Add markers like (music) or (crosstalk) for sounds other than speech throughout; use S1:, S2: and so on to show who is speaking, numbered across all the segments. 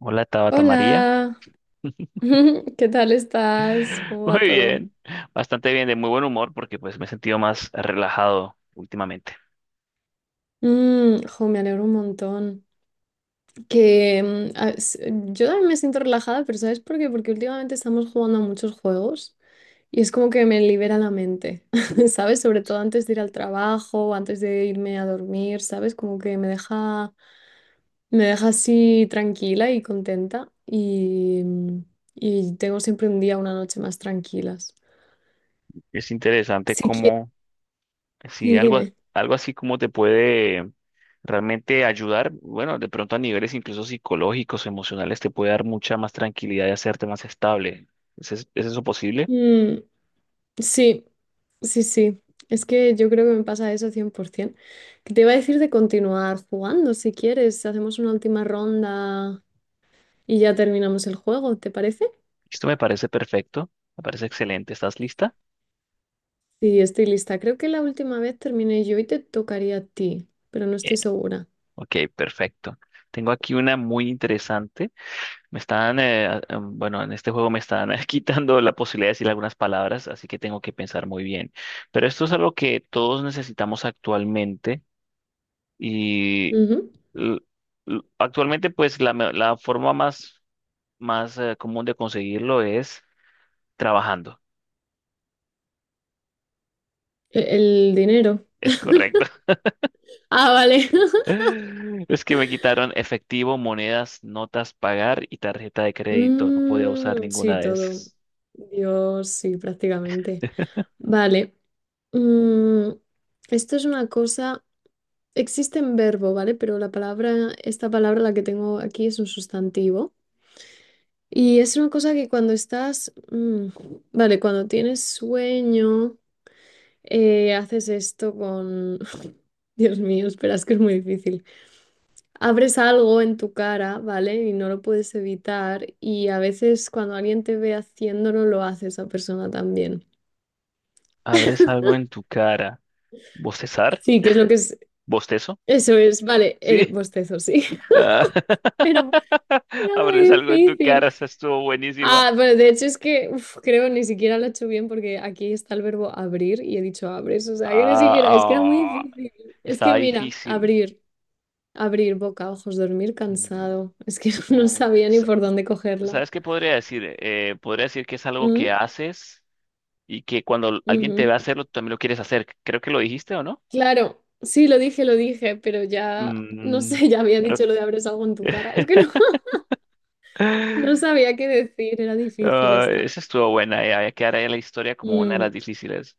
S1: Hola Tabata María.
S2: Hola, (laughs) ¿qué tal estás?
S1: (laughs)
S2: ¿Cómo va
S1: Muy
S2: todo?
S1: bien, bastante bien, de muy buen humor porque pues me he sentido más relajado últimamente.
S2: Jo, me alegro un montón. Que mm, a- s- Yo también me siento relajada, pero ¿sabes por qué? Porque últimamente estamos jugando a muchos juegos y es como que me libera la mente, (laughs) ¿sabes? Sobre todo antes de ir al trabajo, o antes de irme a dormir, ¿sabes? Como que me deja así tranquila y contenta, y tengo siempre un día, una noche más tranquilas.
S1: Es interesante
S2: Si quieres,
S1: cómo, si
S2: sí,
S1: algo,
S2: dime.
S1: algo así como te puede realmente ayudar, bueno, de pronto a niveles incluso psicológicos, emocionales, te puede dar mucha más tranquilidad y hacerte más estable. ¿Es eso posible?
S2: Mm, sí. Sí, sí, es que yo creo que me pasa eso 100%. Que Te iba a decir de continuar jugando, si quieres, hacemos una última ronda y ya terminamos el juego, ¿te parece?
S1: Esto me parece perfecto, me parece excelente. ¿Estás lista?
S2: Sí, estoy lista. Creo que la última vez terminé yo y te tocaría a ti, pero no
S1: Bien,
S2: estoy segura.
S1: ok, perfecto. Tengo aquí una muy interesante. Me están, bueno, en este juego me están (laughs) quitando la posibilidad de decir algunas palabras, así que tengo que pensar muy bien. Pero esto es algo que todos necesitamos actualmente y
S2: Ujú.
S1: l- actualmente pues la forma más, común de conseguirlo es trabajando.
S2: El dinero.
S1: Es correcto.
S2: Ah, vale. (laughs)
S1: (laughs) Es que me quitaron efectivo, monedas, notas, pagar y tarjeta de crédito. No podía usar ninguna
S2: Sí,
S1: de
S2: todo.
S1: esas.
S2: Dios, sí, prácticamente.
S1: (laughs)
S2: Vale. Mm, esto es una cosa. Existe en verbo, ¿vale? Pero esta palabra la que tengo aquí es un sustantivo. Y es una cosa que cuando vale, cuando tienes sueño, haces esto con... (laughs) Dios mío, espera, es que es muy difícil. Abres algo en tu cara, ¿vale? Y no lo puedes evitar. Y a veces cuando alguien te ve haciéndolo, lo hace esa persona también.
S1: ¿Abres algo en tu cara? ¿Bostezar?
S2: Sí, que es lo que es...
S1: ¿Bostezo?
S2: Eso es, vale, el
S1: Sí.
S2: bostezo, sí.
S1: Ah,
S2: (laughs) Era, era
S1: (laughs)
S2: muy
S1: abres algo en tu
S2: difícil.
S1: cara, esa estuvo buenísima.
S2: Ah, bueno, de hecho es que uf, creo ni siquiera lo he hecho bien porque aquí está el verbo abrir y he dicho abres, o sea que ni siquiera, es que era muy
S1: Ah, ah,
S2: difícil. Es que
S1: estaba
S2: mira,
S1: difícil.
S2: abrir boca, ojos, dormir
S1: Mm,
S2: cansado, es que (laughs) no
S1: oh,
S2: sabía ni
S1: sa-
S2: por dónde cogerla.
S1: ¿sabes qué podría decir? Podría decir que es algo que
S2: Mm,
S1: haces y que cuando alguien te
S2: ujú.
S1: ve hacerlo, tú también lo quieres hacer. Creo que lo dijiste, ¿o no?
S2: Claro, sí, lo dije, pero ya, no
S1: Mm,
S2: sé, (laughs) ya había
S1: creo-
S2: dicho lo de abres algo en tu cara, es que no,
S1: (laughs)
S2: (laughs) no sabía qué decir, era difícil
S1: Ah,
S2: esta.
S1: esa estuvo buena, ya, ya quedará la historia como una de las
S2: Mm,
S1: difíciles.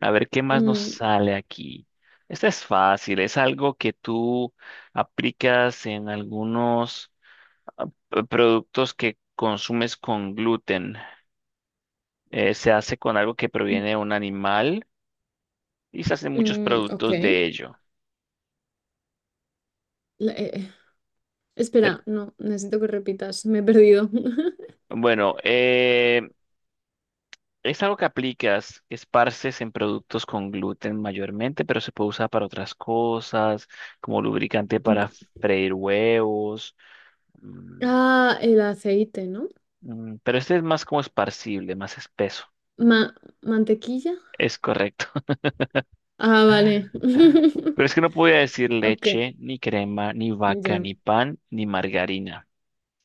S1: A ver, ¿qué más nos
S2: mm,
S1: sale aquí? Esta es fácil, es algo que tú aplicas en algunos productos que consumes con gluten. Se hace con algo que
S2: mm,
S1: proviene de un animal y se hacen muchos
S2: ok.
S1: productos de ello.
S2: La- eh,
S1: Pero,
S2: Espera, no, necesito que repitas, me he perdido. (laughs)
S1: bueno, eh, Es algo que aplicas, que esparces en productos con gluten mayormente, pero se puede usar para otras cosas, como lubricante
S2: Em-
S1: para freír huevos. Mm,
S2: Ah, el aceite, ¿no?
S1: mm, Pero este es más como esparcible, más espeso.
S2: Ma- ¿Mantequilla?
S1: Es correcto. (laughs)
S2: Ah, vale. (laughs)
S1: Pero es que no podía decir
S2: Ok,
S1: leche, ni crema, ni vaca,
S2: ya.
S1: ni pan, ni margarina.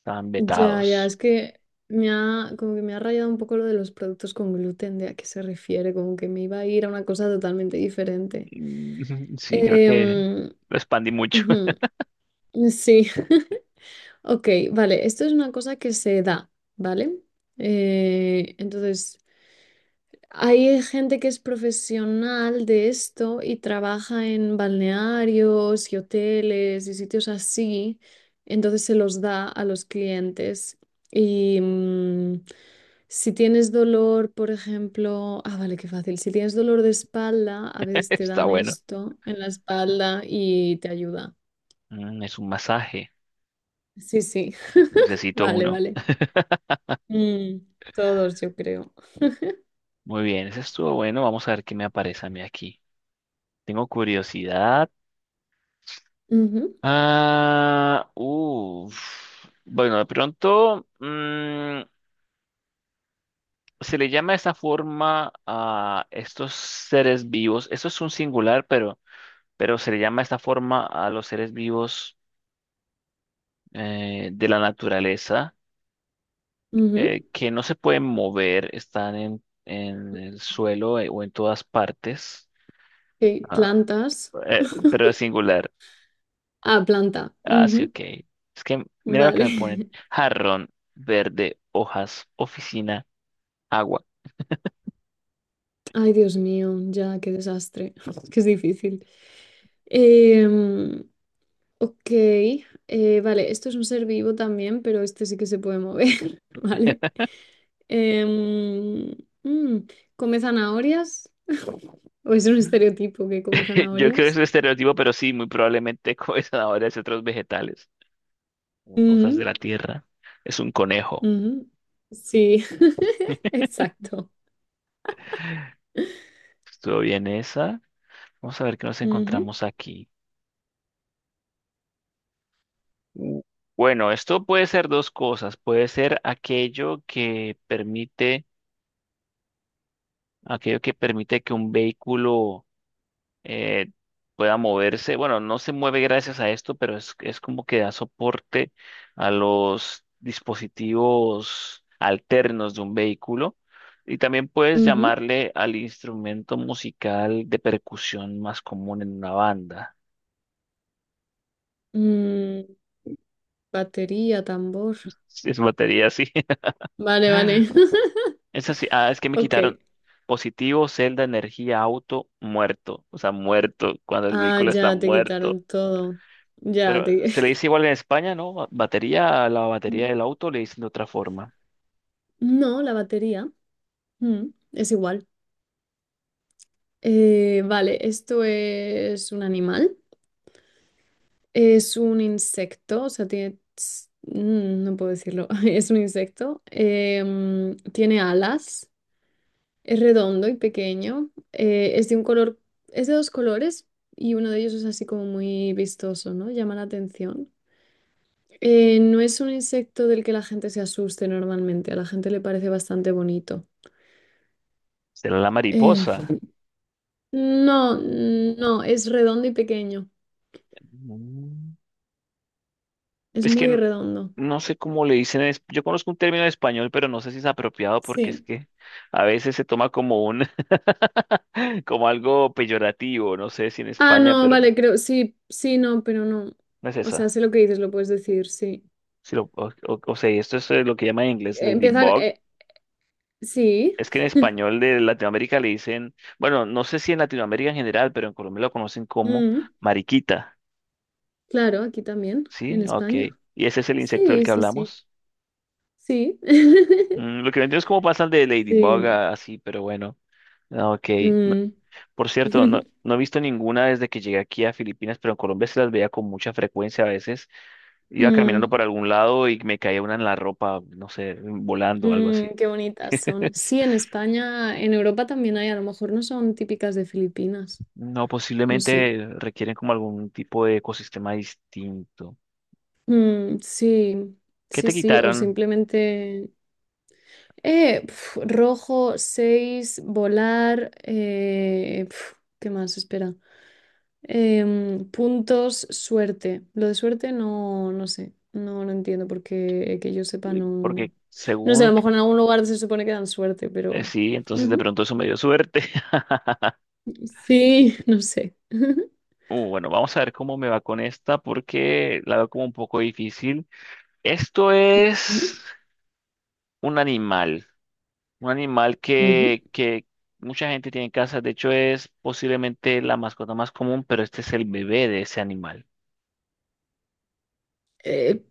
S1: Estaban
S2: Ya, ya,
S1: vetados.
S2: es que me ha, como que me ha rayado un poco lo de los productos con gluten, de a qué se refiere, como que me iba a ir a una cosa totalmente diferente.
S1: Mm, (laughs) Sí, creo que
S2: Em,
S1: lo expandí mucho.
S2: ujú, Sí. (laughs) Ok, vale, esto es una cosa que se da, ¿vale? Eh, entonces, Hay gente que es profesional de esto y trabaja en balnearios y hoteles y sitios así, entonces se los da a los clientes. Y mm, si tienes dolor, por ejemplo, ah, vale, qué fácil. Si tienes dolor de espalda, a
S1: (laughs)
S2: veces te
S1: Está
S2: dan
S1: bueno.
S2: esto en la espalda y te ayuda.
S1: Mm, Es un masaje.
S2: Sí, sí. (laughs)
S1: Necesito
S2: Vale,
S1: uno.
S2: vale. Mm, todos, yo creo.
S1: Muy bien, ese estuvo bueno. Vamos a ver qué me aparece a mí aquí. Tengo curiosidad.
S2: Ujú,
S1: Ah, uff. Bueno, de pronto mm, se le llama de esta forma a estos seres vivos. Esto es un singular, pero se le llama de esta forma a los seres vivos, de la naturaleza,
S2: ujú.
S1: que no se pueden mover, están en el suelo, o en todas partes.
S2: Ok,
S1: Ah,
S2: plantas.
S1: pero es singular.
S2: Ah, planta.
S1: Ah, sí, ok. Es que mira lo que
S2: Vale.
S1: me ponen.
S2: (laughs)
S1: Jarrón, verde, hojas, oficina, agua.
S2: Ay, Dios mío, ya, qué desastre. (laughs) Que es difícil. Em, ok, vale, esto es un ser vivo también, pero este sí que se puede mover, (laughs) ¿vale? Em, mm, ¿Come zanahorias? (laughs) ¿O es un
S1: (laughs)
S2: estereotipo que come
S1: Yo creo que es
S2: zanahorias?
S1: un estereotipo, pero sí, muy probablemente (laughs) come zanahorias y otros vegetales o cosas de
S2: Ujú,
S1: la tierra. Es un conejo.
S2: ujú. Sí, (laughs)
S1: (laughs)
S2: exacto.
S1: Estuvo bien esa. Vamos a ver qué nos
S2: Ujú,
S1: encontramos aquí. U- Bueno, esto puede ser dos cosas. Puede ser aquello que permite que un vehículo, eh, pueda moverse. Bueno, no se mueve gracias a esto, pero es como que da soporte a los dispositivos alternos de un vehículo. Y también puedes
S2: ujú.
S1: llamarle al instrumento musical de percusión más común en una banda. (laughs)
S2: Mm, batería, tambor.
S1: Sí, es batería, así.
S2: Vale, vale.
S1: (laughs)
S2: (laughs)
S1: Es así. Ah, es que me
S2: Ok.
S1: quitaron positivo, celda, energía, auto, muerto. O sea, muerto, cuando el
S2: Ah,
S1: vehículo está
S2: ya te
S1: muerto.
S2: quitaron todo. Ya
S1: Pero
S2: te...
S1: se le
S2: (laughs)
S1: dice igual en España, ¿no? Batería, a la batería
S2: Mm,
S1: del auto le dicen de otra forma.
S2: no, la batería. Mm, es igual. Vale, esto es un animal. Es un insecto, o sea, tiene... no puedo decirlo. (laughs) Es un insecto. Tiene alas. Es redondo y pequeño. Es de un color... Es de dos colores y uno de ellos es así como muy vistoso, ¿no? Llama la atención. No es un insecto del que la gente se asuste normalmente, a la gente le parece bastante bonito.
S1: Será la
S2: Eh,
S1: mariposa.
S2: no, es redondo y pequeño,
S1: Mm.
S2: es
S1: Es que
S2: muy
S1: n-
S2: redondo.
S1: no sé cómo le dicen. Yo conozco un término en español, pero no sé si es apropiado porque es
S2: Sí.
S1: que a veces se toma como un, (laughs) como algo peyorativo. No sé si en
S2: Ah,
S1: España,
S2: no,
S1: pero
S2: vale, creo, sí, sí, no, pero no.
S1: no es
S2: O sea,
S1: esa.
S2: sé lo que dices, lo puedes decir, sí.
S1: Si lo, o- O sea, y esto es, lo que llaman en inglés
S2: Eh, empieza,
S1: ladybug.
S2: eh, sí,
S1: Es que en español de Latinoamérica le dicen, bueno, no sé si en Latinoamérica en general, pero en Colombia lo conocen como
S2: mm,
S1: mariquita.
S2: claro, aquí también, en
S1: Sí, ok.
S2: España.
S1: ¿Y ese es el insecto del
S2: Sí,
S1: que
S2: sí, sí,
S1: hablamos?
S2: sí.
S1: Mm,
S2: (laughs)
S1: lo que no entiendo es cómo pasan de ladybug
S2: Sí.
S1: a así, pero bueno. Ah, ok. No-
S2: mm,
S1: por cierto,
S2: (laughs)
S1: no he visto ninguna desde que llegué aquí a Filipinas, pero en Colombia se las veía con mucha frecuencia a veces. Iba caminando
S2: mm,
S1: por algún lado y me caía una en la ropa, no sé, volando o algo así.
S2: Mm, qué bonitas son. Sí, en
S1: (laughs)
S2: España, en Europa también hay, a lo mejor no son típicas de Filipinas,
S1: No,
S2: no sé.
S1: posiblemente requieren como algún tipo de ecosistema distinto.
S2: Sí,
S1: ¿Qué
S2: sí,
S1: te
S2: sí, o
S1: quitaron?
S2: simplemente... rojo, seis, volar, ¿qué más? Espera. Puntos, suerte. Lo de suerte no, no sé, no, no entiendo porque que yo sepa no...
S1: Porque
S2: No sé, a
S1: según...
S2: lo mejor en algún lugar se supone que dan suerte,
S1: Eh,
S2: pero...
S1: sí, entonces de
S2: Ujú,
S1: pronto eso me dio suerte. (laughs)
S2: sí, (laughs) no sé. (laughs)
S1: Bueno, vamos a ver cómo me va con esta porque la veo como un poco difícil. Esto es
S2: Ujú.
S1: un animal, un animal
S2: Ujú.
S1: que mucha gente tiene en casa. De hecho, es posiblemente la mascota más común, pero este es el bebé de ese animal.
S2: Eh,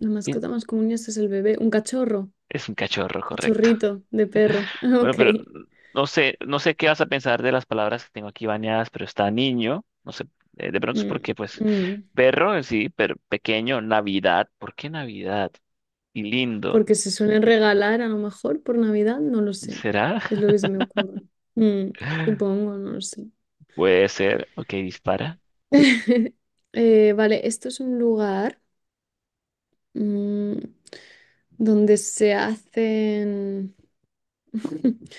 S2: la
S1: Y
S2: mascota más común es el bebé, un cachorro,
S1: Es un cachorro, correcto. (laughs)
S2: cachorrito de perro. (laughs)
S1: Bueno,
S2: Ok.
S1: pero no sé, no sé qué vas a pensar de las palabras que tengo aquí bañadas, pero está niño. No sé, de pronto es
S2: Mm,
S1: porque, pues,
S2: mm.
S1: perro, sí, pero pequeño, Navidad. ¿Por qué Navidad? Y lindo.
S2: Porque se suelen regalar a lo mejor por Navidad, no lo sé.
S1: ¿Será?
S2: Es lo que se me ocurre. Mm, supongo, no lo sé.
S1: Puede ser. Ok, dispara.
S2: (laughs) Vale, esto es un lugar mm, donde se hacen (laughs)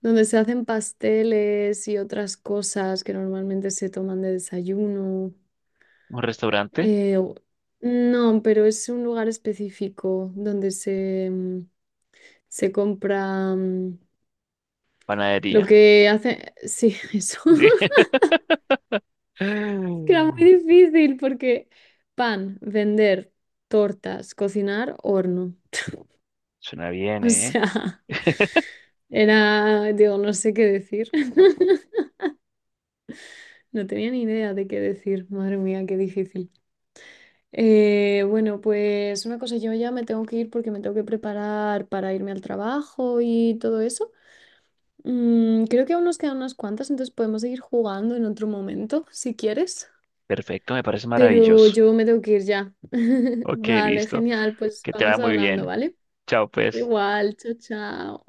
S2: donde se hacen pasteles y otras cosas que normalmente se toman de desayuno.
S1: Un restaurante,
S2: Eh, u- no, pero es un lugar específico donde se compra lo
S1: panadería.
S2: que hace. Sí, (laughs) eso.
S1: Sí.
S2: (laughs) Que era
S1: (laughs)
S2: muy difícil porque pan, vender, tortas, cocinar, horno.
S1: Suena bien,
S2: O
S1: ¿eh?
S2: sea, (laughs)
S1: (laughs)
S2: digo, no sé qué decir. (laughs) No tenía ni idea de qué decir. Madre mía, qué difícil. Bueno, pues una cosa, yo ya me tengo que ir porque me tengo que preparar para irme al trabajo y todo eso. Creo que aún nos quedan unas cuantas, entonces podemos seguir jugando en otro momento, si quieres.
S1: Perfecto, me parece
S2: Pero
S1: maravilloso.
S2: yo me tengo que ir ya. (laughs)
S1: Ok,
S2: Vale,
S1: listo.
S2: genial, pues
S1: Que te va
S2: vamos
S1: muy
S2: hablando,
S1: bien.
S2: ¿vale?
S1: Chao, pues.
S2: Igual, chao, chao.